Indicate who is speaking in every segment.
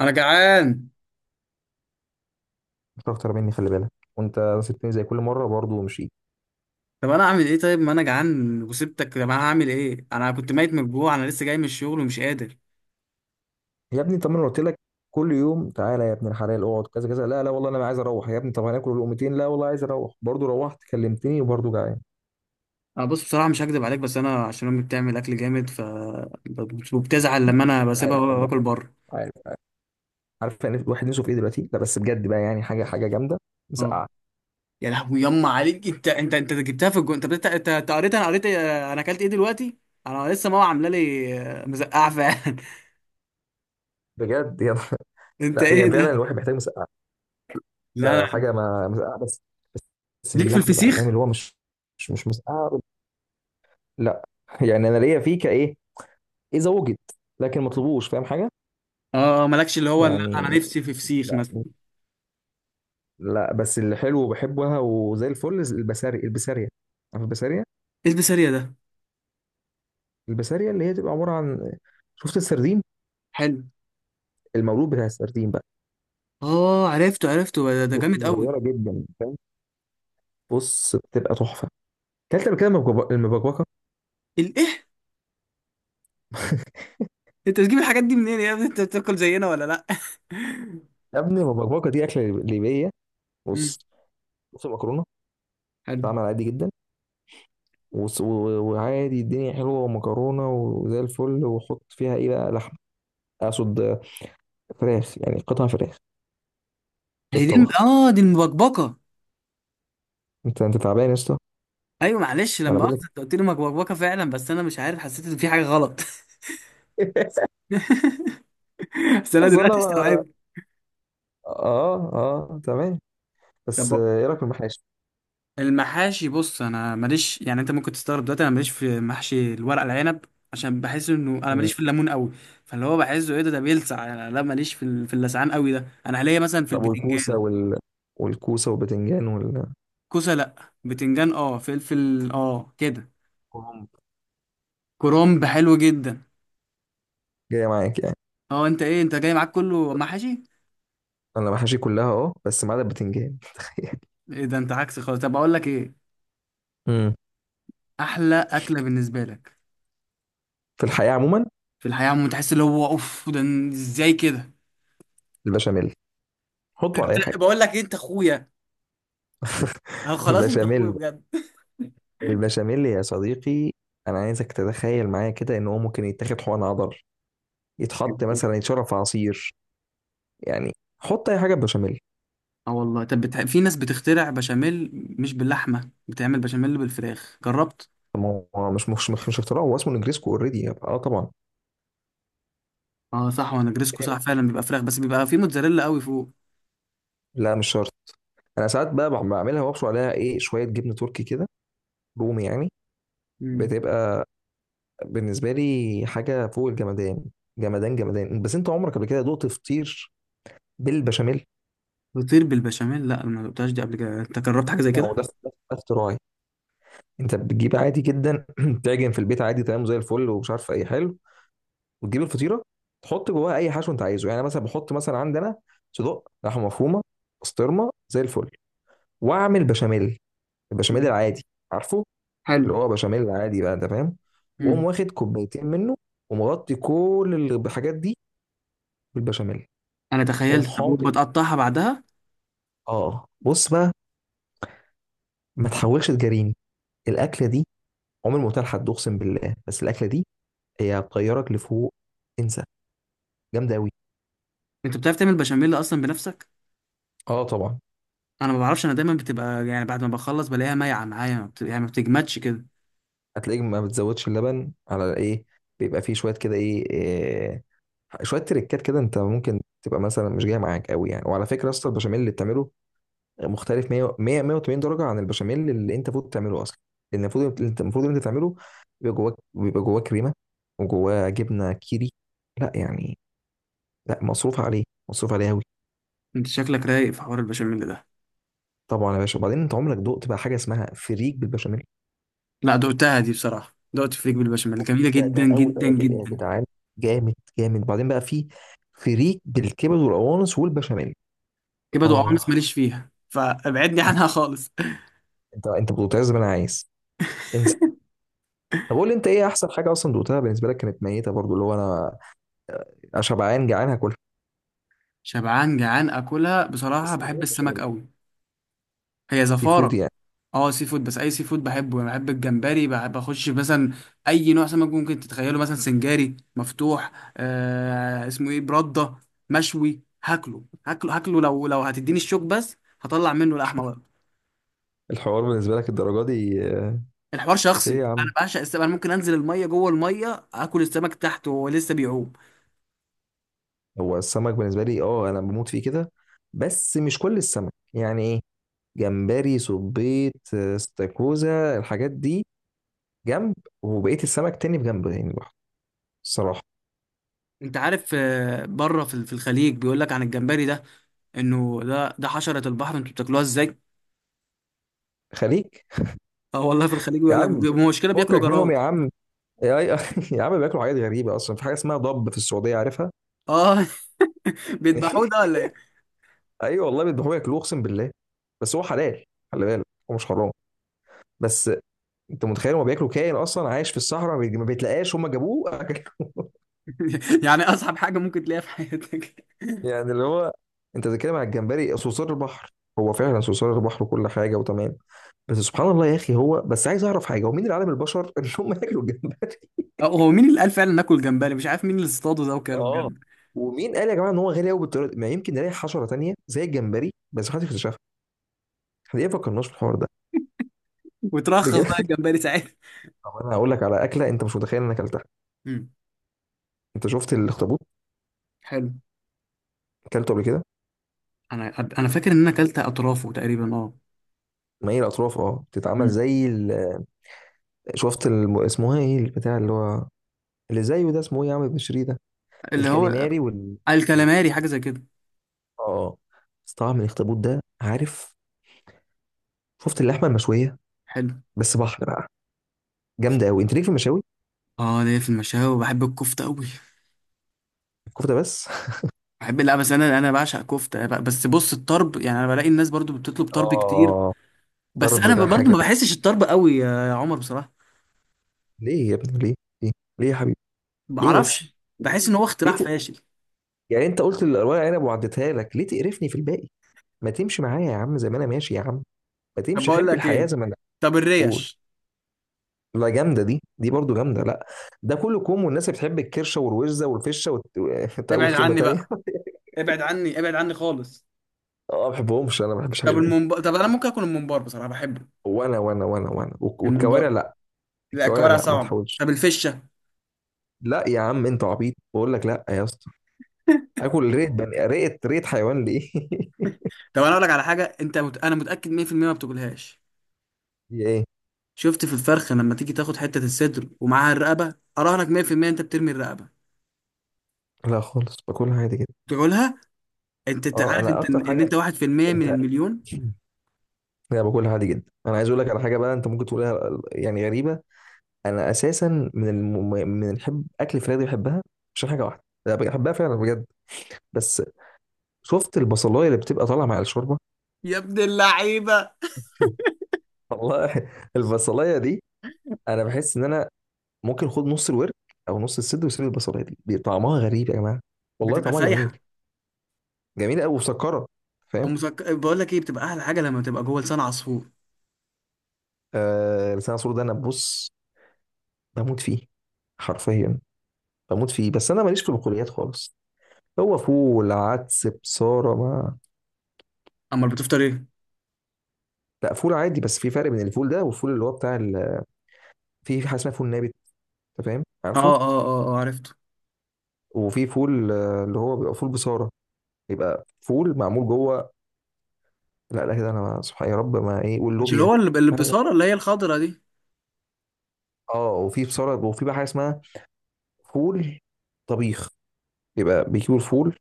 Speaker 1: انا جعان.
Speaker 2: مش اكتر مني، خلي بالك. وانت سبتني زي كل مره برضه ومشيت.
Speaker 1: طب انا اعمل ايه؟ طيب ما انا جعان وسبتك. طب انا هعمل ايه؟ انا كنت ميت من الجوع، انا لسه جاي من الشغل ومش قادر.
Speaker 2: يا ابني طب ما انا قلت لك كل يوم تعالى يا ابن الحلال اقعد كذا كذا. لا لا والله انا عايز اروح. يا ابني طب هناكل لقمتين. لا والله عايز اروح برضه. روحت كلمتني وبرضه جعان.
Speaker 1: انا بص بصراحه مش هكدب عليك، بس انا عشان امي بتعمل اكل جامد ف وبتزعل لما انا بسيبها
Speaker 2: عارف والله،
Speaker 1: واكل بره.
Speaker 2: عارف عارف، عارف يعني الواحد نفسه في ايه دلوقتي. لا بس بجد بقى يعني حاجه حاجه جامده.
Speaker 1: اه،
Speaker 2: مسقعه.
Speaker 1: يا لهوي يما عليك. انت انت جبتها في الجو. انت انت قريت؟ انا قريت إيه؟ انا اكلت ايه دلوقتي؟ انا لسه ماما عامله لي مزقعه فعلا.
Speaker 2: بجد يا
Speaker 1: انت
Speaker 2: لا
Speaker 1: ايه
Speaker 2: يعني فعلا
Speaker 1: ده؟
Speaker 2: الواحد محتاج مسقعه.
Speaker 1: لا
Speaker 2: ده
Speaker 1: لا،
Speaker 2: حاجه ما مسقعه بس. بس بس
Speaker 1: ليك في
Speaker 2: باللحمه بقى، فاهم؟
Speaker 1: الفسيخ؟
Speaker 2: اللي هو مش مسقعه لا يعني انا ليا فيه كايه اذا وجد، لكن ما اطلبوش، فاهم حاجه
Speaker 1: اه مالكش. اللي هو لا، انا
Speaker 2: يعني.
Speaker 1: نفسي في فسيخ
Speaker 2: لا
Speaker 1: مثلا.
Speaker 2: لا، بس اللي حلو وبحبها وزي الفل البسارية البسارية. عارف البسارية؟
Speaker 1: ايه البسارية ده؟
Speaker 2: البسارية اللي هي تبقى عبارة عن، شفت السردين؟
Speaker 1: حلو.
Speaker 2: المولود بتاع السردين بقى،
Speaker 1: اه عرفته عرفته. ده، ده جامد قوي.
Speaker 2: صغيرة جدا فاهم. بص بتبقى تحفة. كلت قبل كده المبكبكة.
Speaker 1: الايه؟ انت بتجيب الحاجات دي منين يا ابني؟ انت بتاكل زينا ولا لا؟
Speaker 2: يا ابني المبكبكة دي أكلة ليبية.
Speaker 1: امم
Speaker 2: بص، بص المكرونة
Speaker 1: حلو.
Speaker 2: بتتعمل عادي جدا. وص- و- وعادي الدنيا حلوة ومكرونة وزي الفل، وحط فيها إيه بقى؟ لحمة، أقصد فراخ، يعني قطع فراخ
Speaker 1: هي دي؟
Speaker 2: تتطبخ.
Speaker 1: اه دي المبكبكه.
Speaker 2: أنت تعبان يا اسطى؟
Speaker 1: ايوه معلش،
Speaker 2: ما أنا
Speaker 1: لما
Speaker 2: بقول
Speaker 1: اخذت انت قلت لي مبكبكه فعلا، بس انا مش عارف، حسيت ان في حاجه غلط.
Speaker 2: لك
Speaker 1: بس انا
Speaker 2: اصل
Speaker 1: دلوقتي
Speaker 2: انا،
Speaker 1: استوعبت.
Speaker 2: اه اه تمام. بس آه،
Speaker 1: طب
Speaker 2: ايه رايك في المحاشي؟
Speaker 1: المحاشي، بص انا ماليش. يعني انت ممكن تستغرب دلوقتي، انا ماليش في محشي الورق العنب، عشان بحس انه انا
Speaker 2: مم.
Speaker 1: ماليش في الليمون قوي. فاللي هو بحسه ايه؟ ده ده بيلسع يعني. لا ماليش في في اللسعان قوي ده. انا ليا مثلا في
Speaker 2: طب والكوسه
Speaker 1: البتنجان.
Speaker 2: وال... والكوسه والبتنجان والكرنب
Speaker 1: كوسه لا، بتنجان اه، فلفل اه، كده. كرنب حلو جدا.
Speaker 2: جايه معاك يعني؟
Speaker 1: اه، انت ايه؟ انت جاي معاك كله محاشي؟
Speaker 2: انا محاشي كلها اه، بس ما عدا البتنجان تخيل.
Speaker 1: ايه ده؟ انت عكسي خالص. طب اقول لك ايه،
Speaker 2: مم.
Speaker 1: احلى اكله بالنسبه لك
Speaker 2: في الحياه عموما؟
Speaker 1: في الحياه. تحس اللي هو اوف، ده ازاي كده؟
Speaker 2: البشاميل. حطه على اي حاجه.
Speaker 1: بقول لك ايه، انت اخويا. اه خلاص، انت اخويا
Speaker 2: البشاميل.
Speaker 1: بجد.
Speaker 2: البشاميل يا صديقي، انا عايزك تتخيل معايا كده ان هو ممكن يتاخد حقن عضل، يتحط مثلا، يتشرب في عصير، يعني حط اي حاجه بشاميل.
Speaker 1: اه والله. طب في ناس بتخترع بشاميل، مش باللحمه، بتعمل بشاميل بالفراخ. جربت؟
Speaker 2: طب ما هو مش اختراع، هو اسمه نجريسكو اوريدي، اه طبعا.
Speaker 1: اه صح. وانا جريسكو صح، فعلا بيبقى فراخ، بس بيبقى فيه موتزاريلا قوي فوق.
Speaker 2: لا مش شرط، انا ساعات بقى بعملها وابشر عليها ايه؟ شويه جبنه تركي كده، رومي يعني.
Speaker 1: مم.
Speaker 2: بتبقى بالنسبه لي حاجه فوق الجمدان، جمدان جمدان. بس انت عمرك قبل كده دقت فطير بالبشاميل؟
Speaker 1: فطير بالبشاميل؟ لا، ما دقتهاش دي قبل كده. انت جربت حاجه زي
Speaker 2: ما
Speaker 1: كده؟
Speaker 2: هو ده اختراعي. انت بتجيب عادي جدا تعجن في البيت عادي، تمام زي الفل ومش عارف ايه حلو، وتجيب الفطيره تحط جواها اي حشو انت عايزه. يعني أنا مثلا بحط مثلا عندنا صدق لحمه مفرومه، بسطرمه زي الفل، واعمل بشاميل، البشاميل
Speaker 1: مم.
Speaker 2: العادي عارفه،
Speaker 1: حلو.
Speaker 2: اللي هو بشاميل عادي بقى انت فاهم، واقوم
Speaker 1: مم.
Speaker 2: واخد كوبايتين منه ومغطي كل الحاجات دي بالبشاميل،
Speaker 1: انا
Speaker 2: واقوم
Speaker 1: تخيلت. طب
Speaker 2: حاطط،
Speaker 1: بتقطعها بعدها؟
Speaker 2: اه آه. بص بقى، ما تحاولش تجاريني. الاكله دي عمر ما قلتها لحد، اقسم بالله، بس الاكله دي هي بتطيرك لفوق، انسى، جامده قوي.
Speaker 1: انت بتعرف تعمل بشاميل اصلا بنفسك؟
Speaker 2: اه طبعا.
Speaker 1: انا ما بعرفش، انا دايما بتبقى يعني بعد ما بخلص بلاقيها مايعه معايا، ما بت... يعني ما بتجمدش كده.
Speaker 2: هتلاقيك ما بتزودش اللبن على ايه، بيبقى فيه شويه كده ايه، إيه، شويه تريكات كده. انت ممكن تبقى مثلا مش جايه معاك قوي يعني. وعلى فكره اصلا البشاميل اللي بتعمله مختلف 100 180 درجه عن البشاميل اللي انت المفروض تعمله اصلا. لان المفروض انت، المفروض انت تعمله بيبقى جواه كريمه وجواه جبنه كيري. لا يعني، لا مصروف عليه، مصروف عليه قوي.
Speaker 1: انت شكلك رايق في حوار البشاميل ده.
Speaker 2: طبعا يا باشا. وبعدين انت عمرك دقت بقى حاجه اسمها فريك بالبشاميل؟
Speaker 1: لا دقتها، دي بصراحه، دقت فريك بالبشاميل، جميله
Speaker 2: ده
Speaker 1: جدا
Speaker 2: ده قوي
Speaker 1: جدا
Speaker 2: يا
Speaker 1: جدا.
Speaker 2: جدعان، جامد جامد. بعدين بقى في فريك بالكبد والقوانص والبشاميل.
Speaker 1: كبد
Speaker 2: اه
Speaker 1: وقوانص ماليش فيها، فابعدني عنها خالص.
Speaker 2: انت بتعز زي ما انا عايز، انسى. طب قول لي انت ايه احسن حاجه اصلا دوقتها بالنسبه لك، كانت ميته برضو، اللي هو انا شبعان جعان هاكلها.
Speaker 1: شبعان جعان اكلها. بصراحه
Speaker 2: بس
Speaker 1: بحب
Speaker 2: الحاجات مش
Speaker 1: السمك قوي. هي
Speaker 2: سي فود
Speaker 1: زفاره.
Speaker 2: يعني.
Speaker 1: اه سي فود، بس اي سي فود بحبه. يعني بحب الجمبري، بحب اخش في مثلا اي نوع سمك ممكن تتخيله. مثلا سنجاري مفتوح اسمه ايه برده، مشوي، هاكله هاكله لو لو هتديني الشوك بس، هطلع منه لحمه بقى.
Speaker 2: الحوار بالنسبه لك الدرجه دي آه،؟
Speaker 1: الحوار شخصي،
Speaker 2: ليه يا عم؟
Speaker 1: انا بعشق السمك. انا ممكن انزل الميه، جوه الميه اكل السمك تحت وهو لسه بيعوم.
Speaker 2: هو السمك بالنسبه لي اه، انا بموت فيه كده، بس مش كل السمك. يعني ايه؟ جمبري، صبيط آه،، استاكوزا، الحاجات دي جنب، وبقيه السمك تاني بجنب يعني لوحده، الصراحه.
Speaker 1: انت عارف بره في في الخليج بيقول لك عن الجمبري ده انه ده ده حشره البحر، انتوا بتاكلوها ازاي؟
Speaker 2: خليك.
Speaker 1: اه والله، في الخليج
Speaker 2: يا
Speaker 1: بيقول لك
Speaker 2: عم
Speaker 1: مشكله، بياكلوا
Speaker 2: فكك منهم،
Speaker 1: جراد.
Speaker 2: يا عم يا يا عم بياكلوا حاجات غريبه اصلا. في حاجه اسمها ضب في السعوديه عارفها.
Speaker 1: اه. بيذبحوه ده ولا ايه؟
Speaker 2: ايوه والله بيذبحوه ياكلوه، اقسم بالله. بس هو حلال خلي بالك، هو مش حرام. بس انت متخيل؟ هو بياكلوا كائن اصلا عايش في الصحراء، ما بيتلقاش، هم جابوه أكلوه.
Speaker 1: يعني اصعب حاجه ممكن تلاقيها في حياتك.
Speaker 2: يعني اللي هو، انت بتتكلم على الجمبري صرصار البحر، هو فعلا صرصار البحر وكل حاجه وتمام، بس سبحان الله يا اخي. هو بس عايز اعرف حاجه، هو مين اللي علم البشر ان هم ياكلوا الجمبري؟
Speaker 1: هو مين اللي قال فعلا ناكل جمبري؟ مش عارف مين اللي اصطاده ده وكله
Speaker 2: اه.
Speaker 1: بجد.
Speaker 2: ومين قال يا جماعه ان هو غالي قوي بالطريقه دي؟ ما يمكن نلاقي حشره تانيه زي الجمبري بس محدش اكتشفها. احنا ليه ما فكرناش في الحوار ده؟
Speaker 1: وترخص بقى
Speaker 2: بجد.
Speaker 1: الجمبري ساعتها.
Speaker 2: طب انا هقول لك على اكله انت مش متخيل ان انا اكلتها.
Speaker 1: امم
Speaker 2: انت شفت الاخطبوط؟
Speaker 1: حلو.
Speaker 2: اكلته قبل كده.
Speaker 1: انا فاكر ان انا اكلت اطرافه تقريبا، اه.
Speaker 2: ما هي الاطراف اه بتتعمل
Speaker 1: أمم.
Speaker 2: زي ال... شفت الم... اسمها ايه البتاع اللي هو، اللي زيه ده اسمه ايه يا عم بشري ده،
Speaker 1: اللي هو
Speaker 2: الكاليماري وال،
Speaker 1: الكلاماري، حاجه زي كده.
Speaker 2: اه آه. بس طبعا من الاخطبوط ده عارف. شفت اللحمه المشويه
Speaker 1: حلو.
Speaker 2: بس بحر بقى، جامده قوي. انت ليك في المشاوي؟
Speaker 1: اه، ليا في المشاوي، وبحب الكفته قوي.
Speaker 2: الكفته بس؟
Speaker 1: بحب، لا بس انا بعشق كفته، بس بص، الطرب يعني، انا بلاقي الناس برضو بتطلب طرب كتير.
Speaker 2: اه.
Speaker 1: بس
Speaker 2: طرب
Speaker 1: انا
Speaker 2: ده
Speaker 1: برضو
Speaker 2: حاجه.
Speaker 1: ما بحسش الطرب قوي يا عمر بصراحه.
Speaker 2: ليه يا ابني؟ ليه؟ ليه ليه يا حبيبي؟
Speaker 1: ما
Speaker 2: ليه بس؟
Speaker 1: بعرفش، بحس
Speaker 2: ليه؟
Speaker 1: ان هو
Speaker 2: ليه
Speaker 1: اختراع
Speaker 2: ت...
Speaker 1: فاشل.
Speaker 2: يعني انت قلت الورق عنب وعديتها لك، ليه تقرفني في الباقي؟ ما تمشي معايا يا عم زي ما انا ماشي يا عم، ما
Speaker 1: طب
Speaker 2: تمشي
Speaker 1: بقول
Speaker 2: حب
Speaker 1: لك
Speaker 2: الحياه
Speaker 1: ايه،
Speaker 2: زي ما انا.
Speaker 1: طب
Speaker 2: بقول،
Speaker 1: الريش؟
Speaker 2: لا جامده دي، دي برضو جامده، لا. ده كله كوم، والناس اللي بتحب الكرشه والوزه والفشه انت اقول
Speaker 1: ابعد
Speaker 2: كلمه
Speaker 1: عني
Speaker 2: تانية.
Speaker 1: بقى، ابعد عني، ابعد عني خالص.
Speaker 2: اه ما بحبهمش، انا ما بحبش
Speaker 1: طب
Speaker 2: الحاجات دي.
Speaker 1: طب انا ممكن اكل الممبار، بصراحه بحبه.
Speaker 2: وانا والكوارع
Speaker 1: الممبار.
Speaker 2: لا.
Speaker 1: لا
Speaker 2: الكوارع
Speaker 1: الكوارع
Speaker 2: لا، ما
Speaker 1: صعبه.
Speaker 2: تحاولش.
Speaker 1: طب الفشه؟
Speaker 2: لا يا عم انت عبيط، بقول لك لا يا اسطى. اكل ريت بني، ريت حيوان ليه
Speaker 1: طب انا اقول لك على حاجه، انت انا متاكد 100% ما بتاكلهاش.
Speaker 2: دي ايه؟
Speaker 1: شفت في الفرخه لما تيجي تاخد حته الصدر ومعاها الرقبه، اراهنك 100% انت بترمي الرقبه.
Speaker 2: لا خالص، باكلها عادي جدا.
Speaker 1: تقولها؟ انت انت
Speaker 2: اه
Speaker 1: عارف
Speaker 2: انا
Speaker 1: انت
Speaker 2: اكتر
Speaker 1: إن انت
Speaker 2: حاجه،
Speaker 1: 1% من
Speaker 2: انت
Speaker 1: المليون.
Speaker 2: انا باكلها عادي جدا. انا عايز اقول لك على حاجه بقى انت ممكن تقولها يعني غريبه. انا اساسا من الم... من الحب اكل الفراخ دي بحبها عشان حاجه واحده انا بحبها فعلا بجد. بس شفت البصلايه اللي بتبقى طالعه مع الشوربه؟
Speaker 1: يا ابن اللعيبه،
Speaker 2: والله البصلايه دي، انا بحس ان انا ممكن اخد نص الورك او نص الصدر وسيب البصلايه دي. دي طعمها غريب يا جماعه، والله
Speaker 1: بتبقى
Speaker 2: طعمها جميل،
Speaker 1: سايحه؟
Speaker 2: جميل قوي وسكره،
Speaker 1: او
Speaker 2: فاهم.
Speaker 1: بقول لك ايه، بتبقى احلى حاجه لما تبقى جوه لسان عصفور.
Speaker 2: آه لسان عصفور ده انا بص، بموت فيه حرفيا، بموت فيه. بس انا ماليش في البقوليات خالص. هو فول عدس بصاره ما.
Speaker 1: امال بتفطر ايه؟
Speaker 2: لا فول عادي. بس في فرق بين الفول ده والفول اللي هو بتاع ال... في حاجه اسمها فول نابت، انت فاهم
Speaker 1: اه
Speaker 2: عارفه.
Speaker 1: اه اه اه عرفت.
Speaker 2: وفي فول آه، اللي هو بيبقى فول بصاره، يبقى فول معمول جوه. لا لا كده انا سبحان يا رب ما ايه
Speaker 1: مش اللي
Speaker 2: واللوبيا.
Speaker 1: هو اللي
Speaker 2: لا.
Speaker 1: بصارة، اللي هي الخضرة دي؟
Speaker 2: اه وفي بصارة، وفي بقى حاجة اسمها فول طبيخ، يبقى بيجيبوا الفول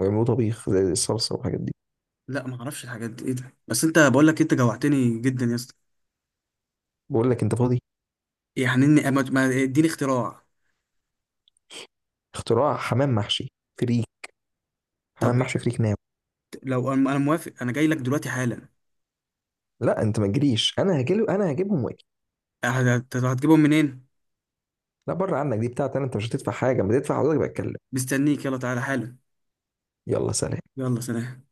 Speaker 2: ويعملوه طبيخ زي الصلصة والحاجات دي.
Speaker 1: لا ما اعرفش الحاجات دي ايه ده، بس انت بقول لك، انت جوعتني جدا يا اسطى.
Speaker 2: بقول لك انت فاضي؟
Speaker 1: يعني اني اديني اختراع.
Speaker 2: اختراع حمام محشي فريك،
Speaker 1: طب
Speaker 2: حمام محشي فريك ناو.
Speaker 1: لو انا موافق، انا جاي لك دلوقتي حالا.
Speaker 2: لا انت ما تجريش، انا هجيب، انا هجيبهم واجي.
Speaker 1: هتجيبهم منين؟
Speaker 2: لا بره عنك، دي بتاعتي انا، انت مش هتدفع حاجة. ما تدفع حضرتك بقى، اتكلم.
Speaker 1: مستنيك، يلا تعالى حالا.
Speaker 2: يلا سلام.
Speaker 1: يلا سلام.